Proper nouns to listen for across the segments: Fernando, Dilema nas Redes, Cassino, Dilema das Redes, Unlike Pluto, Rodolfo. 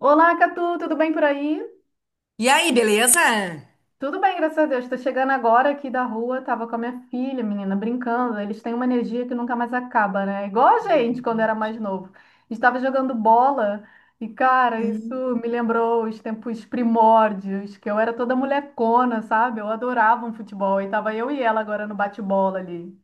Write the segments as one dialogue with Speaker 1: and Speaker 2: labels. Speaker 1: Olá, Catu, tudo bem por aí?
Speaker 2: E aí, beleza?
Speaker 1: Tudo bem, graças a Deus. Tô chegando agora aqui da rua, tava com a minha filha, menina, brincando. Eles têm uma energia que nunca mais acaba, né? Igual a gente quando era mais novo. A gente tava jogando bola e, cara, isso
Speaker 2: Hum.
Speaker 1: me lembrou os tempos primórdios, que eu era toda molecona, sabe? Eu adorava um futebol e tava eu e ela agora no bate-bola ali.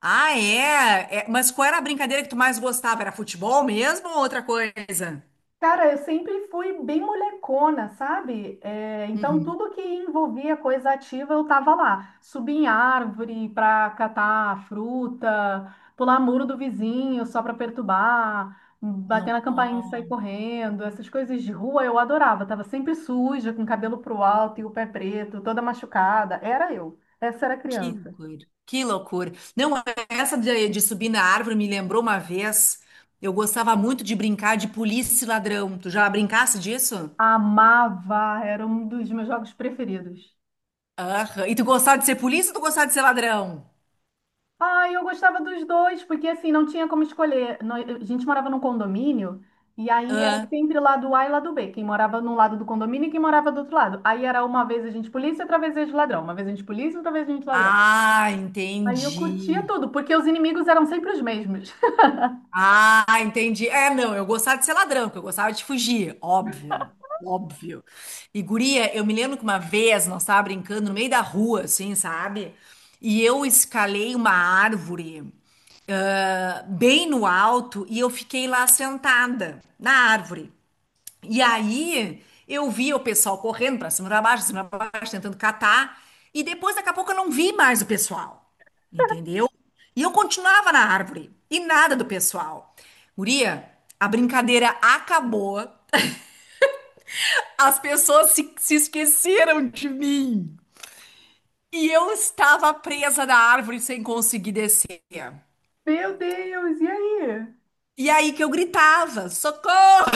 Speaker 2: Ah, é? É, mas qual era a brincadeira que tu mais gostava? Era futebol mesmo ou outra coisa?
Speaker 1: Cara, eu sempre fui bem molecona, sabe? É, então,
Speaker 2: Uhum.
Speaker 1: tudo que envolvia coisa ativa, eu tava lá. Subir em árvore para catar fruta, pular muro do vizinho só para perturbar, bater
Speaker 2: No-
Speaker 1: na campainha e sair correndo. Essas coisas de rua eu adorava. Tava sempre suja, com o cabelo pro alto e o pé preto, toda machucada. Era eu. Essa era a
Speaker 2: que
Speaker 1: criança.
Speaker 2: loucura, que loucura. Não, essa de subir na árvore me lembrou uma vez. Eu gostava muito de brincar de polícia e ladrão. Tu já brincasse disso?
Speaker 1: Amava, era um dos meus jogos preferidos.
Speaker 2: Aham. E tu gostava de ser polícia ou tu gostava de ser ladrão?
Speaker 1: Ah, eu gostava dos dois, porque assim, não tinha como escolher. A gente morava num condomínio, e aí era
Speaker 2: Ah,
Speaker 1: sempre lado A e lado B. Quem morava num lado do condomínio e quem morava do outro lado. Aí era uma vez a gente polícia, outra vez a gente ladrão. Uma vez a gente polícia, outra vez a gente ladrão.
Speaker 2: ah,
Speaker 1: Aí eu curtia
Speaker 2: entendi.
Speaker 1: tudo, porque os inimigos eram sempre os mesmos.
Speaker 2: Ah, entendi. É, não, eu gostava de ser ladrão, porque eu gostava de fugir, óbvio, óbvio. E guria, eu me lembro que uma vez nós tava brincando no meio da rua, assim, sabe? E eu escalei uma árvore, ah, bem no alto e eu fiquei lá sentada na árvore. E aí eu vi o pessoal correndo pra cima e pra baixo, pra cima e pra baixo, tentando catar. E depois, daqui a pouco, eu não vi mais o pessoal. Entendeu? E eu continuava na árvore. E nada do pessoal. Guria, a brincadeira acabou. As pessoas se esqueceram de mim. E eu estava presa na árvore sem conseguir descer.
Speaker 1: Meu Deus, e aí?
Speaker 2: E aí que eu gritava: socorro!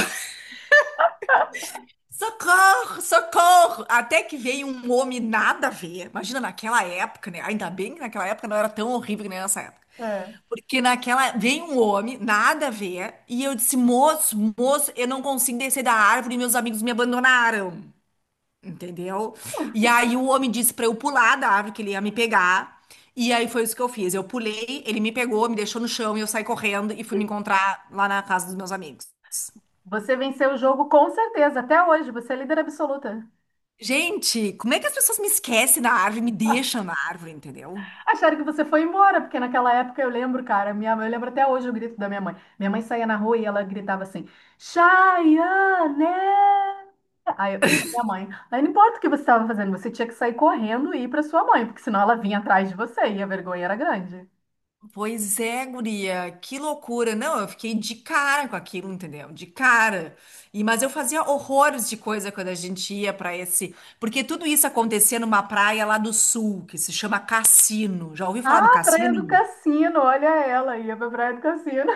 Speaker 2: Socorro, socorro! Até que veio um homem nada a ver. Imagina naquela época, né? Ainda bem que naquela época não era tão horrível que nem nessa época.
Speaker 1: É.
Speaker 2: Porque naquela veio um homem nada a ver e eu disse: "Moço, moço, eu não consigo descer da árvore e meus amigos me abandonaram". Entendeu? E aí o homem disse pra eu pular da árvore que ele ia me pegar. E aí foi isso que eu fiz. Eu pulei, ele me pegou, me deixou no chão e eu saí correndo e fui me encontrar lá na casa dos meus amigos.
Speaker 1: Você venceu o jogo com certeza, até hoje, você é líder absoluta.
Speaker 2: Gente, como é que as pessoas me esquecem na árvore, me deixam na árvore, entendeu?
Speaker 1: Acharam que você foi embora, porque naquela época eu lembro, cara, minha mãe, eu lembro até hoje o grito da minha mãe. Minha mãe saía na rua e ela gritava assim: Chayane! Aí eu, e minha mãe, aí não importa o que você estava fazendo, você tinha que sair correndo e ir para sua mãe, porque senão ela vinha atrás de você e a vergonha era grande.
Speaker 2: Pois é, guria, que loucura. Não, eu fiquei de cara com aquilo, entendeu? De cara. E mas eu fazia horrores de coisa quando a gente ia pra esse, porque tudo isso acontecia numa praia lá do sul, que se chama Cassino. Já ouviu falar no
Speaker 1: Ah, Praia do
Speaker 2: Cassino?
Speaker 1: Cassino, olha ela, ia pra Praia do Cassino.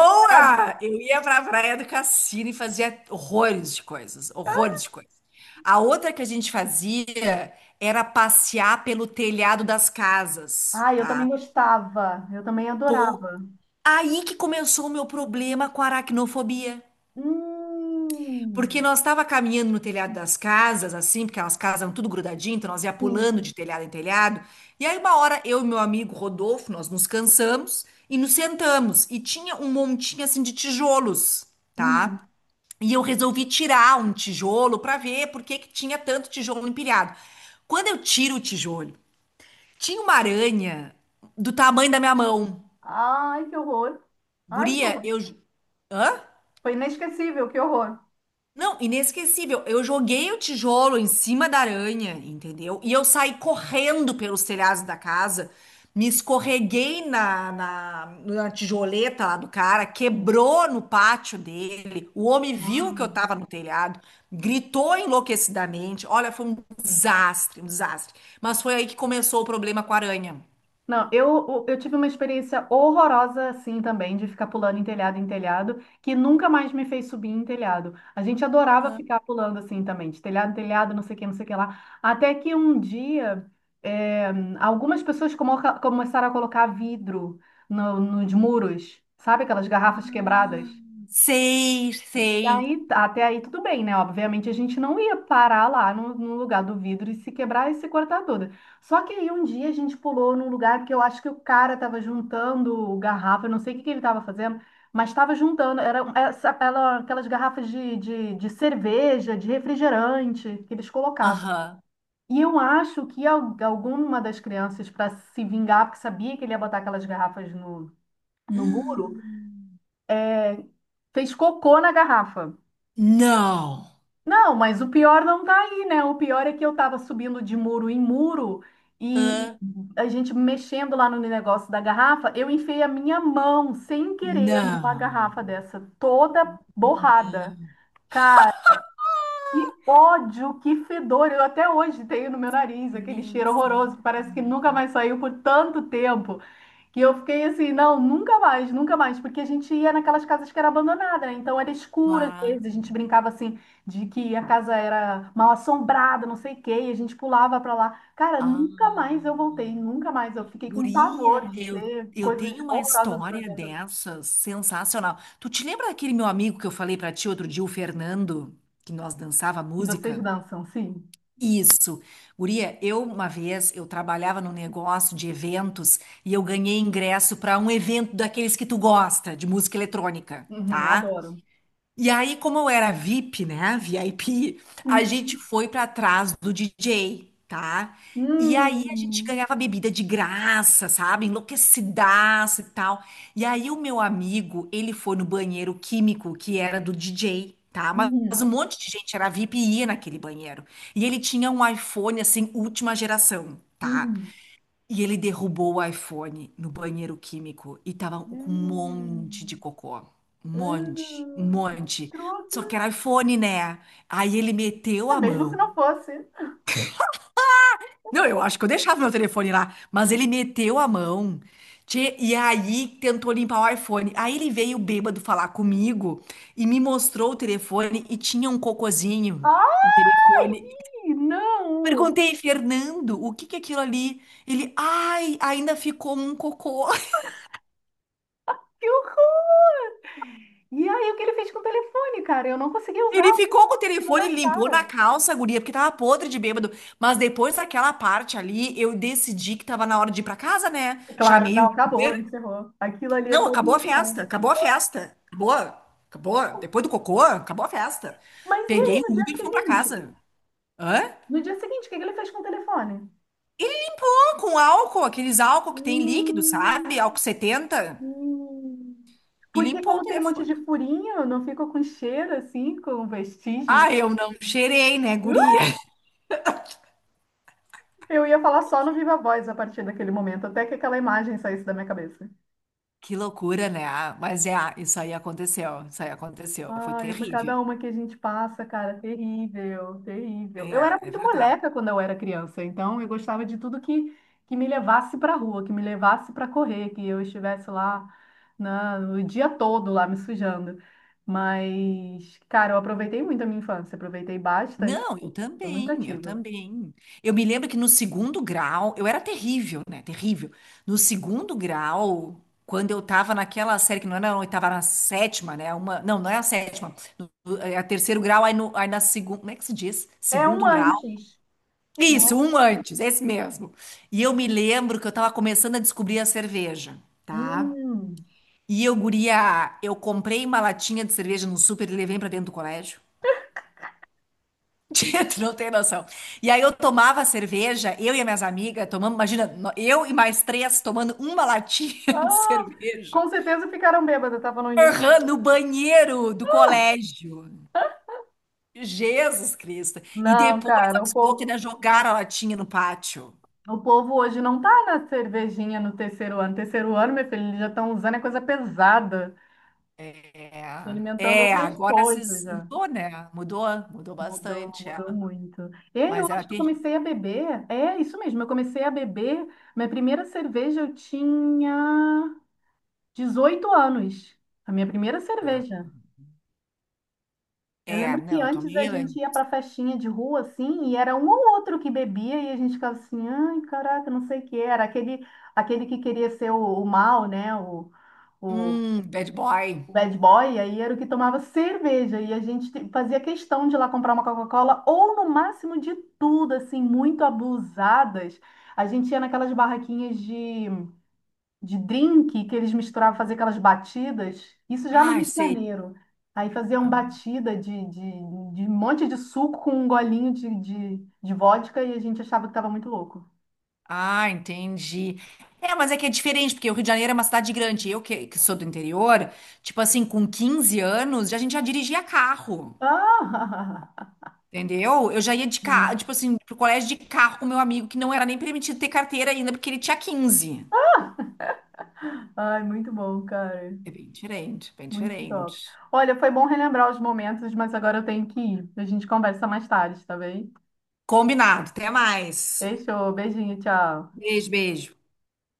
Speaker 2: Eu ia pra Praia do Cassino e fazia horrores de coisas, horrores de coisas. A outra que a gente fazia era passear pelo telhado das casas,
Speaker 1: Ah, eu também
Speaker 2: tá?
Speaker 1: gostava, eu também
Speaker 2: Pô,
Speaker 1: adorava.
Speaker 2: aí que começou o meu problema com a aracnofobia. Porque
Speaker 1: Hum,
Speaker 2: nós estava caminhando no telhado das casas, assim, porque as casas eram tudo grudadinho, então nós ia
Speaker 1: sim.
Speaker 2: pulando de telhado em telhado. E aí uma hora eu e meu amigo Rodolfo, nós nos cansamos e nos sentamos. E tinha um montinho assim de tijolos, tá?
Speaker 1: Uhum.
Speaker 2: E eu resolvi tirar um tijolo para ver por que que tinha tanto tijolo empilhado. Quando eu tiro o tijolo, tinha uma aranha do tamanho da minha mão.
Speaker 1: Ai, que horror. Ai, que
Speaker 2: Guria,
Speaker 1: horror.
Speaker 2: eu. Hã?
Speaker 1: Foi inesquecível, que horror.
Speaker 2: Não, inesquecível. Eu joguei o tijolo em cima da aranha, entendeu? E eu saí correndo pelos telhados da casa, me escorreguei na tijoleta lá do cara, quebrou no pátio dele. O homem viu que eu
Speaker 1: Ah.
Speaker 2: tava no telhado, gritou enlouquecidamente. Olha, foi um desastre, um desastre. Mas foi aí que começou o problema com a aranha.
Speaker 1: Não, eu tive uma experiência horrorosa assim também, de ficar pulando em telhado, que nunca mais me fez subir em telhado. A gente adorava ficar pulando assim também, de telhado em telhado, não sei o que, não sei o que lá. Até que um dia, eh, algumas pessoas começaram a colocar vidro nos muros, sabe aquelas garrafas quebradas?
Speaker 2: Sei,
Speaker 1: E
Speaker 2: sei.
Speaker 1: aí até aí tudo bem, né? Obviamente a gente não ia parar lá no lugar do vidro e se quebrar e se cortar toda. Só que aí um dia a gente pulou num lugar que eu acho que o cara tava juntando garrafa, eu não sei o que que ele tava fazendo, mas tava juntando, era um, essa, aquelas garrafas de cerveja, de refrigerante que eles colocavam.
Speaker 2: Aham.
Speaker 1: E eu acho que alguma das crianças, para se vingar, porque sabia que ele ia botar aquelas garrafas no muro, fez cocô na garrafa.
Speaker 2: Não.
Speaker 1: Não, mas o pior não tá aí, né? O pior é que eu tava subindo de muro em muro e
Speaker 2: Ah,
Speaker 1: a gente mexendo lá no negócio da garrafa, eu enfiei a minha mão sem querer numa
Speaker 2: não.
Speaker 1: garrafa dessa, toda borrada.
Speaker 2: Não,
Speaker 1: E ódio, que fedor! Eu até hoje tenho no meu nariz aquele cheiro
Speaker 2: pensa
Speaker 1: horroroso que parece que nunca mais saiu por tanto tempo. Que eu fiquei assim, não, nunca mais, nunca mais, porque a gente ia naquelas casas que era abandonada, né? Então era escuro às
Speaker 2: lá.
Speaker 1: vezes, a gente brincava assim de que a casa era mal assombrada, não sei o quê, e a gente pulava pra lá. Cara,
Speaker 2: Ah,
Speaker 1: nunca mais eu voltei, nunca mais. Eu fiquei com pavor
Speaker 2: guria,
Speaker 1: de
Speaker 2: eu,
Speaker 1: ter
Speaker 2: eu
Speaker 1: coisas
Speaker 2: tenho uma
Speaker 1: horrorosas e
Speaker 2: história
Speaker 1: nojentas. Assim.
Speaker 2: dessas sensacional. Tu te lembra daquele meu amigo que eu falei pra ti outro dia, o Fernando, que nós dançava
Speaker 1: E vocês
Speaker 2: música?
Speaker 1: dançam, sim?
Speaker 2: Isso. Guria, eu uma vez eu trabalhava num negócio de eventos e eu ganhei ingresso para um evento daqueles que tu gosta, de música eletrônica,
Speaker 1: Uhum,
Speaker 2: tá?
Speaker 1: adoro.
Speaker 2: E aí, como eu era VIP, né? VIP, a gente
Speaker 1: Uhum.
Speaker 2: foi pra trás do DJ, tá? E aí a gente
Speaker 1: Hum.
Speaker 2: ganhava bebida de graça, sabe? Enlouquecidaça e tal. E aí o meu amigo, ele foi no banheiro químico que era do DJ, tá? Mas
Speaker 1: Uhum.
Speaker 2: um monte de gente era VIP e ia naquele banheiro. E ele tinha um iPhone assim, última geração, tá?
Speaker 1: Uhum.
Speaker 2: E ele derrubou o iPhone no banheiro químico e tava com um monte de
Speaker 1: Hum.
Speaker 2: cocô. Um monte, um
Speaker 1: Hum.
Speaker 2: monte. Só
Speaker 1: Trouxe.
Speaker 2: que era iPhone, né? Aí ele meteu
Speaker 1: Ah,
Speaker 2: a
Speaker 1: mesmo se
Speaker 2: mão.
Speaker 1: não fosse.
Speaker 2: Não, eu acho que eu deixava meu telefone lá, mas ele meteu a mão. Tchê, e aí tentou limpar o iPhone. Aí ele veio bêbado falar comigo e me mostrou o telefone e tinha um cocôzinho no telefone.
Speaker 1: Ai, não!
Speaker 2: Perguntei, Fernando, o que que é aquilo ali? Ele, ai, ainda ficou um cocô.
Speaker 1: Que horror! E aí, o que ele fez com o telefone, cara? Eu não consegui usar
Speaker 2: Ele ficou com o
Speaker 1: aquilo na
Speaker 2: telefone, limpou na
Speaker 1: cara.
Speaker 2: calça, guria, porque tava podre de bêbado. Mas depois daquela parte ali, eu decidi que tava na hora de ir pra casa, né?
Speaker 1: Claro,
Speaker 2: Chamei o
Speaker 1: não, acabou,
Speaker 2: Uber.
Speaker 1: encerrou. Aquilo ali é
Speaker 2: Não,
Speaker 1: todo
Speaker 2: acabou a
Speaker 1: ensinado.
Speaker 2: festa, acabou a festa. Acabou, acabou. Depois do cocô, acabou a festa.
Speaker 1: Mas e aí,
Speaker 2: Peguei
Speaker 1: no
Speaker 2: o Uber
Speaker 1: dia
Speaker 2: e fomos pra
Speaker 1: seguinte?
Speaker 2: casa. Hã?
Speaker 1: No dia seguinte, o que que ele fez com o telefone?
Speaker 2: Ele lá com álcool, aqueles álcool que tem líquido, sabe?
Speaker 1: Hum,
Speaker 2: Álcool 70.
Speaker 1: hum.
Speaker 2: E
Speaker 1: Porque
Speaker 2: limpou o
Speaker 1: como tem um monte de
Speaker 2: telefone.
Speaker 1: furinho, não fica com cheiro, assim, com vestígio.
Speaker 2: Ah, eu não cheirei, né, guria?
Speaker 1: Eu ia falar só no Viva Voz a partir daquele momento, até que aquela imagem saísse da minha cabeça.
Speaker 2: Que loucura, né? Ah, mas é, ah, isso aí aconteceu, isso aí aconteceu. Foi
Speaker 1: Ai, é por
Speaker 2: terrível.
Speaker 1: cada uma que a gente passa, cara, terrível, terrível.
Speaker 2: É,
Speaker 1: Eu era
Speaker 2: é
Speaker 1: muito
Speaker 2: verdade.
Speaker 1: moleca quando eu era criança, então eu gostava de tudo que me levasse pra rua, que me levasse pra correr, que eu estivesse lá na, o dia todo lá me sujando. Mas, cara, eu aproveitei muito a minha infância, aproveitei bastante,
Speaker 2: Não, eu
Speaker 1: foi muito
Speaker 2: também, eu
Speaker 1: ativa.
Speaker 2: também. Eu me lembro que no segundo grau, eu era terrível, né? Terrível. No segundo grau, quando eu tava naquela série, que não era, eu tava na sétima, né? Uma, não, não é a sétima. No- no- é a terceiro grau, aí, no, aí na segunda, como é que se diz?
Speaker 1: É um
Speaker 2: Segundo grau.
Speaker 1: antes.
Speaker 2: Isso, um antes, esse mesmo. E eu me lembro que eu tava começando a descobrir a cerveja, tá?
Speaker 1: Hum.
Speaker 2: E eu, guria, eu comprei uma latinha de cerveja no super e levei pra dentro do colégio. Tia, tu não tem noção. E aí eu tomava cerveja, eu e as minhas amigas tomamos, imagina, no- eu e mais três tomando uma latinha de
Speaker 1: Ah,
Speaker 2: cerveja.
Speaker 1: com certeza ficaram bêbadas, estava no início.
Speaker 2: Aham, no banheiro do
Speaker 1: Ah,
Speaker 2: colégio. Jesus Cristo. E
Speaker 1: não,
Speaker 2: depois
Speaker 1: cara,
Speaker 2: as loucas ainda jogaram a latinha no pátio.
Speaker 1: o povo hoje não tá na cervejinha no terceiro ano. Terceiro ano, meu filho, eles já estão usando é coisa pesada, alimentando
Speaker 2: É, é,
Speaker 1: outras
Speaker 2: agora
Speaker 1: coisas
Speaker 2: vocês...
Speaker 1: já.
Speaker 2: Mudou, né? Mudou, mudou
Speaker 1: Mudou,
Speaker 2: bastante. É.
Speaker 1: mudou muito. E aí, eu
Speaker 2: Mas era
Speaker 1: acho que eu
Speaker 2: terrível.
Speaker 1: comecei a beber. É isso mesmo, eu comecei a beber. Minha primeira cerveja eu tinha 18 anos. A minha primeira cerveja. Eu
Speaker 2: É,
Speaker 1: lembro que
Speaker 2: não, eu
Speaker 1: antes
Speaker 2: tomei
Speaker 1: a gente ia para
Speaker 2: antes.
Speaker 1: festinha de rua, assim, e era um ou outro que bebia, e a gente ficava assim, ai, caraca, não sei o que. Era aquele, aquele que queria ser o mal, né? O,
Speaker 2: Bad boy.
Speaker 1: o bad boy, aí era o que tomava cerveja. E a gente fazia questão de ir lá comprar uma Coca-Cola, ou no máximo de tudo, assim, muito abusadas. A gente ia naquelas barraquinhas de drink que eles misturavam, fazer aquelas batidas, isso já no Rio
Speaker 2: Ai,
Speaker 1: de
Speaker 2: sei.
Speaker 1: Janeiro. Aí faziam batida de um monte de suco com um golinho de vodka e a gente achava que estava muito louco.
Speaker 2: Ah, entendi. É, mas é que é diferente, porque o Rio de Janeiro é uma cidade grande. Eu que sou do interior, tipo assim, com 15 anos, já- a gente já dirigia carro,
Speaker 1: Ah!
Speaker 2: entendeu? Eu já ia de carro, tipo
Speaker 1: Hum.
Speaker 2: assim, pro colégio de carro com meu amigo, que não era nem permitido ter carteira ainda, porque ele tinha 15.
Speaker 1: Ai, muito bom, cara.
Speaker 2: É bem diferente, bem
Speaker 1: Muito top.
Speaker 2: diferente.
Speaker 1: Olha, foi bom relembrar os momentos, mas agora eu tenho que ir. A gente conversa mais tarde, tá bem?
Speaker 2: Combinado, até mais.
Speaker 1: Fechou, beijinho, tchau.
Speaker 2: Beijo, beijo.